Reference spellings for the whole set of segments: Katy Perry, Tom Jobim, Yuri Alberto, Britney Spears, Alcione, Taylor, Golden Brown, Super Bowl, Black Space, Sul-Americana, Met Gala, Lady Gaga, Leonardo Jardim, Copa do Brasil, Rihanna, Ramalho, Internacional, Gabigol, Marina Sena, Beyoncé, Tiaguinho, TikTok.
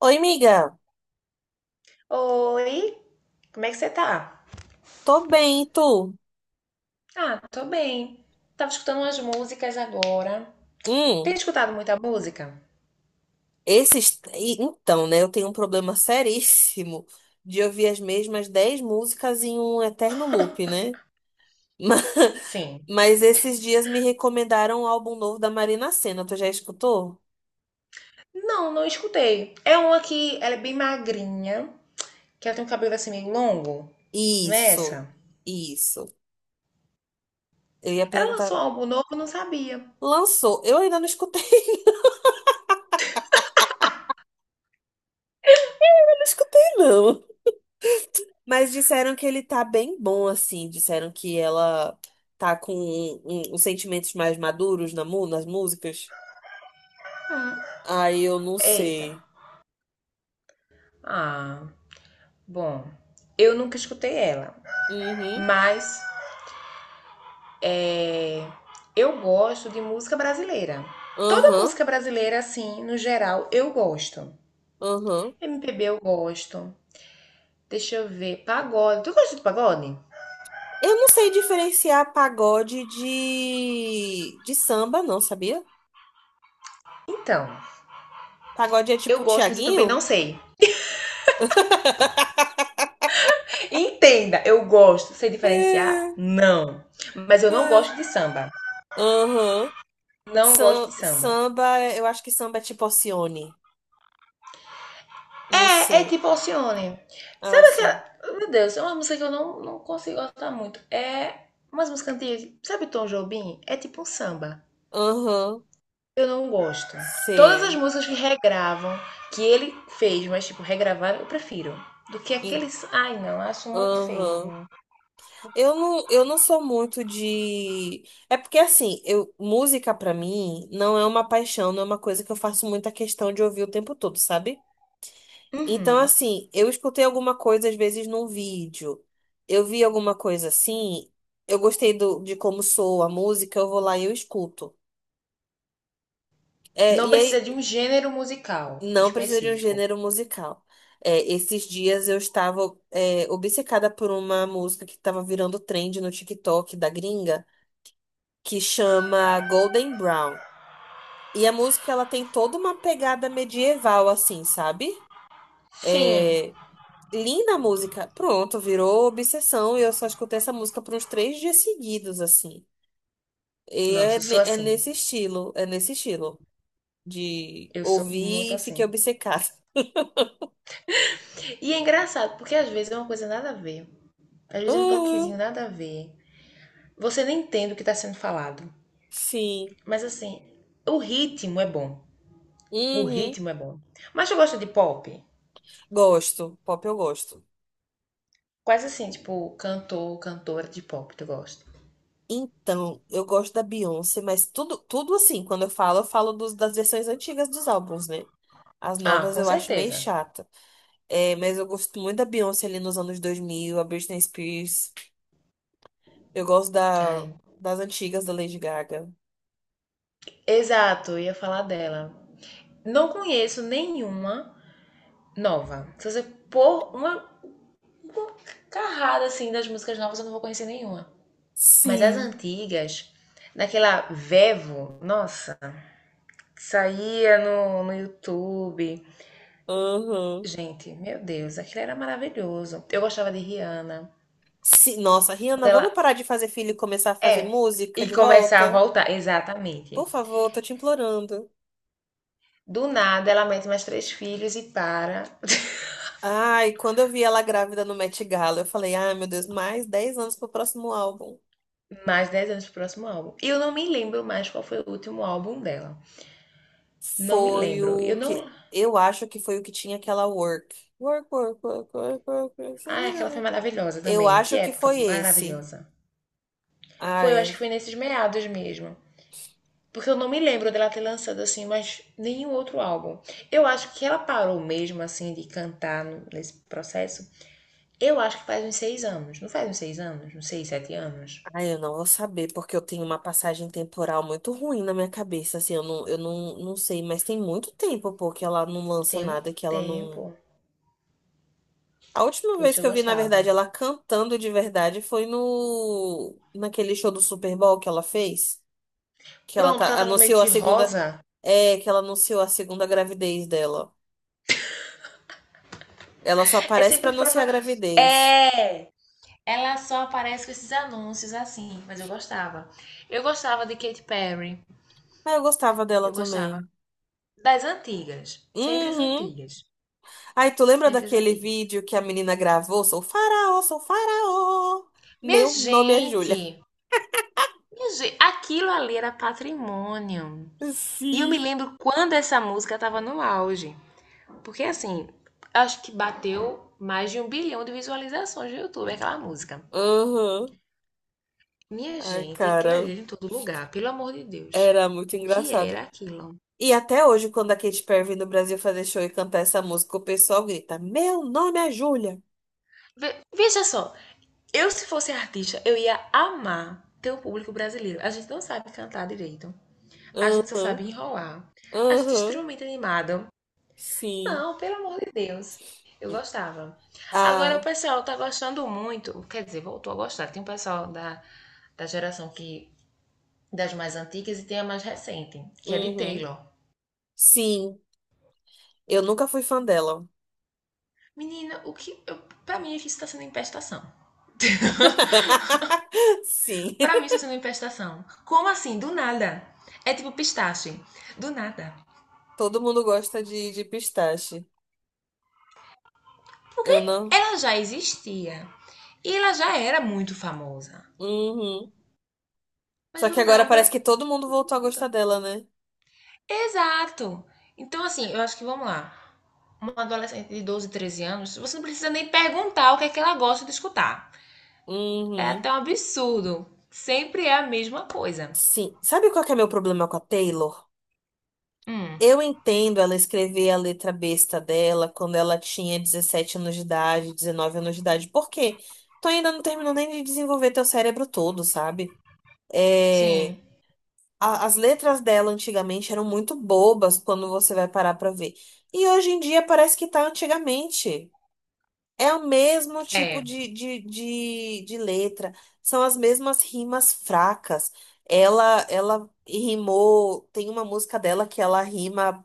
Oi, amiga. Oi, como é que você tá? Tô bem, e tu? Ah, tô bem. Tava escutando umas músicas agora. Tem Hum, escutado muita música? Então, né, eu tenho um problema seríssimo de ouvir as mesmas 10 músicas em um eterno loop, né? Ma- Sim. Mas esses dias me recomendaram um álbum novo da Marina Sena. Tu já escutou? Não, escutei. É uma que ela é bem magrinha, que ela tem um cabelo assim meio longo. Não é Isso, essa? isso. Eu ia Ela perguntar. lançou um álbum novo, eu não sabia. Lançou. Eu ainda não escutei. Não escutei, não. Mas disseram que ele tá bem bom, assim. Disseram que ela tá com os sentimentos mais maduros nas músicas. Aí eu não Eita. sei. Ah, bom. Eu nunca escutei ela, Uhum, mas é, eu gosto de música brasileira. Toda aham, música brasileira, assim, no geral, eu gosto. aham. MPB eu gosto. Deixa eu ver. Pagode. Tu gosta de pagode? Eu não sei diferenciar pagode de samba, não, sabia? Então, Pagode é eu tipo gosto, mas eu também não Tiaguinho? sei. Entenda, eu gosto. Sei É, diferenciar? Não. Mas eu não é. gosto de samba. Aham. Não gosto de samba. Samba, eu acho que samba é tipo Alcione. Não É, é sei. tipo Alcione. Ah, Sabe sim. aquela. Meu Deus, é uma música que eu não, consigo gostar muito. É umas músicas antigas. Sabe Tom Jobim? É tipo um samba. Aham. Eu não gosto. Todas as Sei. músicas que regravam, que ele fez, mas tipo, regravaram, eu prefiro. Do que aqueles. Ai, não, acho muito Aham. feio. Eu não sou muito de. É porque assim, música pra mim não é uma paixão, não é uma coisa que eu faço muita questão de ouvir o tempo todo, sabe? Então, Uhum. assim, eu escutei alguma coisa às vezes num vídeo, eu vi alguma coisa assim, eu gostei de como soa a música, eu vou lá e eu escuto. É, Não e precisa aí, de um gênero musical não precisa de um específico. gênero musical. É, esses dias eu estava, é, obcecada por uma música que estava virando trend no TikTok da gringa, que chama Golden Brown. E a música ela tem toda uma pegada medieval, assim, sabe? Sim. É, linda a música. Pronto, virou obsessão e eu só escutei essa música por uns 3 dias seguidos, assim. E é, Nossa, eu ne- sou assim. É nesse estilo de Eu sou muito ouvir e fiquei assim. obcecada. E é engraçado, porque às vezes é uma coisa nada a ver. Às vezes é um Uhum, toquezinho nada a ver. Você nem entende o que tá sendo falado. sim. Mas assim, o ritmo é bom. O Uhum. ritmo é bom. Mas eu gosto de pop. Gosto, pop eu gosto. Quais assim, tipo, cantor, cantora de pop tu gosta? Então, eu gosto da Beyoncé, mas tudo, tudo assim, quando eu falo das versões antigas dos álbuns, né? As Ah, novas com eu acho meio certeza. chata. É, mas eu gosto muito da Beyoncé ali nos anos 2000, a Britney Spears. Eu gosto Ai, das antigas da Lady Gaga. exato, eu ia falar dela. Não conheço nenhuma nova. Se você pôr uma carrada assim das músicas novas, eu não vou conhecer nenhuma. Mas as Sim. antigas, naquela Vevo, nossa, que saía no YouTube. Uhum. Gente, meu Deus, aquilo era maravilhoso. Eu gostava de Rihanna. Sim, nossa, Quando Rihanna, vamos ela. parar de fazer filho e começar a fazer É. música E de começar a volta? voltar, Por exatamente. favor, tô te implorando. Do nada, ela mete mais três filhos e para Ai, quando eu vi ela grávida no Met Gala, eu falei, ai, meu Deus, mais 10 anos pro próximo álbum. mais dez anos pro próximo álbum. E eu não me lembro mais qual foi o último álbum dela. Não me Foi lembro. Eu o que, não. eu acho que foi o que tinha aquela Work. Work, work, work, work, work, work. Ah, aquela foi maravilhosa Eu também. Que acho que época foi esse. maravilhosa. Foi, eu acho Ai, que foi nesses meados mesmo. Porque eu não me lembro dela ter lançado assim, mas nenhum outro álbum. Eu acho que ela parou mesmo assim de cantar nesse processo. Eu acho que faz uns seis anos. Não faz uns seis anos? Uns seis, sete anos? ai, eu não vou saber, porque eu tenho uma passagem temporal muito ruim na minha cabeça, assim, eu não, não sei, mas tem muito tempo, pô, que ela não lança Tem um nada, que ela não. tempo. A última vez Puxa, eu que eu vi, na gostava. verdade, ela cantando de verdade foi no... naquele show do Super Bowl que ela fez, que ela Pronto, que ela tava meio anunciou a de segunda. rosa. É, que ela anunciou a segunda gravidez dela. Ela só É aparece pra sempre pra anunciar a falar. gravidez. É! Ela só aparece com esses anúncios assim, mas eu gostava. Eu gostava de Katy Perry. Ah, eu gostava dela Eu gostava. também. Das antigas. Sempre as Uhum. antigas. Ai, tu lembra Sempre as daquele antigas. vídeo que a menina gravou? Sou faraó, sou faraó. Minha Meu nome é Júlia. gente, minha gente, aquilo ali era patrimônio. E eu me Sim. lembro quando essa música tava no auge. Porque assim, acho que bateu mais de um bilhão de visualizações no YouTube, aquela música. Aham. Minha Ai, gente, aquilo cara, ali era em todo lugar, pelo amor de Deus. era muito O que engraçado. era aquilo? E até hoje, quando a Katy Perry vem no Brasil fazer show e cantar essa música, o pessoal grita: Meu nome é Júlia. Veja só, eu se fosse artista, eu ia amar ter o público brasileiro. A gente não sabe cantar direito, a gente só Aham, sabe enrolar. A gente é aham, extremamente animado. sim. Não, pelo amor de Deus. Eu gostava. Agora o Ah, pessoal tá gostando muito, quer dizer, voltou a gostar. Tem um pessoal da geração que das mais antigas e tem a mais recente, que é de uhum. Taylor. Sim, eu nunca fui fã dela. Menina, o que. Eu, pra mim, isso tá sendo empestação. Sim, Pra mim, isso tá sendo empestação. Como assim? Do nada. É tipo pistache. Do nada. todo mundo gosta de pistache. Porque Eu não. ela já existia. E ela já era muito famosa. Uhum. Só Mas do que agora nada, parece que todo mundo todo mundo voltou a escuta. gostar dela, né? Exato. Então, assim, eu acho que vamos lá. Uma adolescente de 12, 13 anos, você não precisa nem perguntar o que é que ela gosta de escutar. É até Uhum. um absurdo. Sempre é a mesma coisa. Sim. Sabe qual que é meu problema com a Taylor? Hum, Eu entendo ela escrever a letra besta dela quando ela tinha 17 anos de idade, 19 anos de idade. Por quê? Tu ainda não terminou nem de desenvolver teu cérebro todo, sabe? É... sim. As letras dela antigamente eram muito bobas quando você vai parar pra ver. E hoje em dia parece que tá antigamente. É o mesmo tipo É. De letra, são as mesmas rimas fracas. Ela rimou, tem uma música dela que ela rima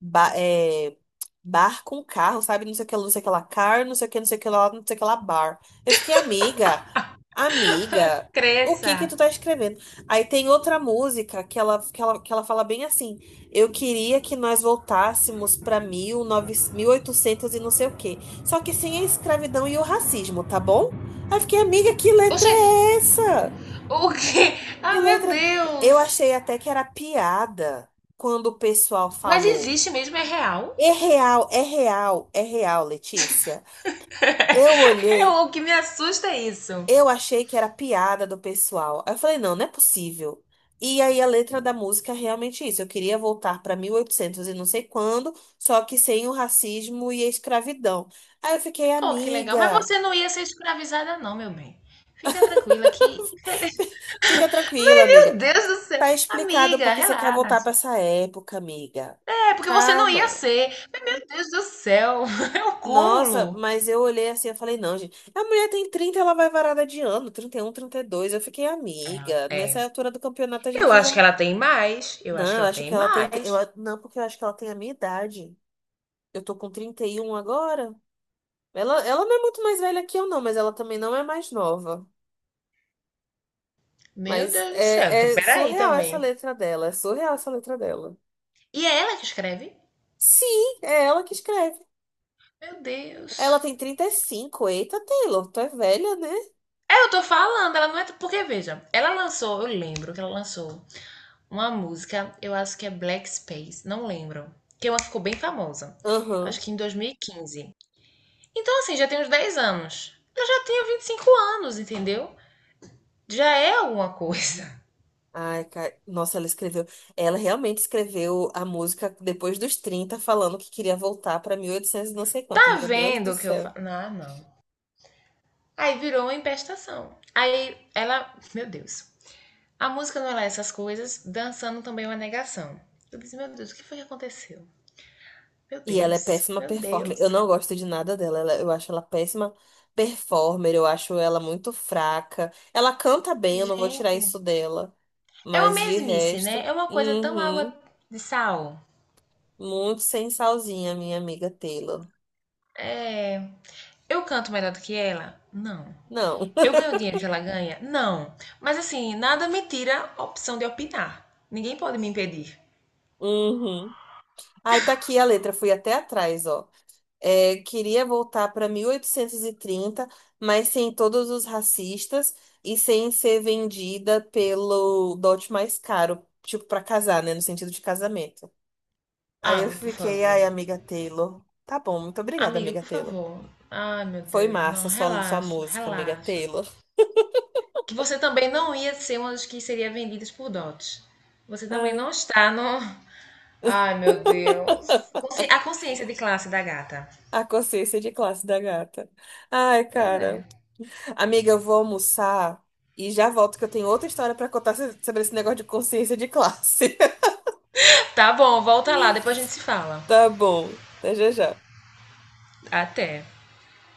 ba- é, bar com carro, sabe? Não sei o que, lá, não sei o que lá, car, não sei o que, não sei o que lá, não sei o que lá, bar. Eu fiquei amiga. Amiga, o que que Cresça. tu tá escrevendo? Aí tem outra música que ela, fala bem assim: Eu queria que nós voltássemos pra 19, oitocentos e não sei o quê. Só que sem a escravidão e o racismo, tá bom? Aí eu fiquei, amiga, que Ô, letra gente, é essa? o que? Que Ah, meu letra? Eu Deus. achei até que era piada quando o pessoal Mas falou. existe mesmo? É real? É real, é real, é real, Letícia. Eu É, olhei. o que me assusta é isso. Eu achei que era piada do pessoal. Aí eu falei, não, não é possível. E aí a letra da música é realmente isso. Eu queria voltar para 1800 e oitocentos e não sei quando, só que sem o racismo e a escravidão. Aí eu fiquei, Oh, que legal. Mas amiga, você não ia ser escravizada, não, meu bem. Fica tranquila que. fica tranquila, amiga. Meu Deus do céu! Tá explicado Amiga, porque você quer voltar para relaxa. essa época, amiga. É, porque você não ia Calma. ser. Mas, meu Deus do céu! É um Nossa, cúmulo. mas eu olhei assim, eu falei, não, gente. A mulher tem 30, ela vai varada de ano, 30, 31, 32. Eu fiquei, Ela amiga, nessa tem. altura do campeonato a Eu gente já. acho que ela tem mais. Eu Não, acho que eu ela acho que tem ela tem. mais. Não, porque eu acho que ela tem a minha idade. Eu tô com 31 agora. Ela não é muito mais velha que eu, não, mas ela também não é mais nova. Meu Mas Deus do céu. Então, é peraí surreal essa também. letra dela. É surreal essa letra dela. E é ela que escreve? Sim, é ela que escreve. Meu Ela Deus. tem 35. Eita, Taylor, tu é velha, né? É, eu tô falando, ela não é. Porque, veja, ela lançou, eu lembro que ela lançou uma música, eu acho que é Black Space, não lembro. Que é uma que ficou bem famosa. Aham. Acho que em 2015. Então, assim, já tem uns 10 anos. Eu já tenho 25 anos, entendeu? Já é alguma coisa. Ai, cara. Nossa, ela escreveu. Ela realmente escreveu a música depois dos 30 falando que queria voltar pra 1800 e oitocentos e não sei quanto. Tá Meu Deus do vendo o que eu céu. falo? Ah, não. Aí virou uma empestação. Aí ela. Meu Deus. A música não é lá essas coisas, dançando também é uma negação. Eu disse, meu Deus, o que foi que aconteceu? Meu E ela é Deus, péssima meu performer. Eu Deus. não gosto de nada dela. Eu acho ela péssima performer. Eu acho ela muito fraca. Ela canta bem, eu não vou tirar Gente, isso dela. é uma Mas de mesmice, resto, né? É uma coisa tão água uhum, de sal. muito sem salzinha, minha amiga Taylor. É, eu canto melhor do que ela? Não. Não. Eu ganho o dinheiro que ela ganha? Não. Mas assim, nada me tira a opção de opinar. Ninguém pode me impedir. Uhum. Aí tá aqui a letra, fui até atrás, ó. É, queria voltar pra 1830, mas sem todos os racistas e sem ser vendida pelo dote mais caro, tipo pra casar, né, no sentido de casamento. Aí Ah, eu mas por fiquei, favor. ai, amiga Taylor. Tá bom, muito obrigada, Amiga, amiga por Taylor. favor. Ai, meu Foi Deus. Não, massa sua relaxa, música, amiga relaxa. Taylor. Que você também não ia ser uma das que seria vendidas por dotes. Você também Ai, não está no. Ai, meu Deus. Consci- A consciência de classe da gata. a consciência de classe da gata. Ai, Pois é. cara. Amiga, eu vou almoçar e já volto que eu tenho outra história pra contar sobre esse negócio de consciência de classe. Tá bom, volta lá, depois a gente se fala. Tá bom. Até já já. Até.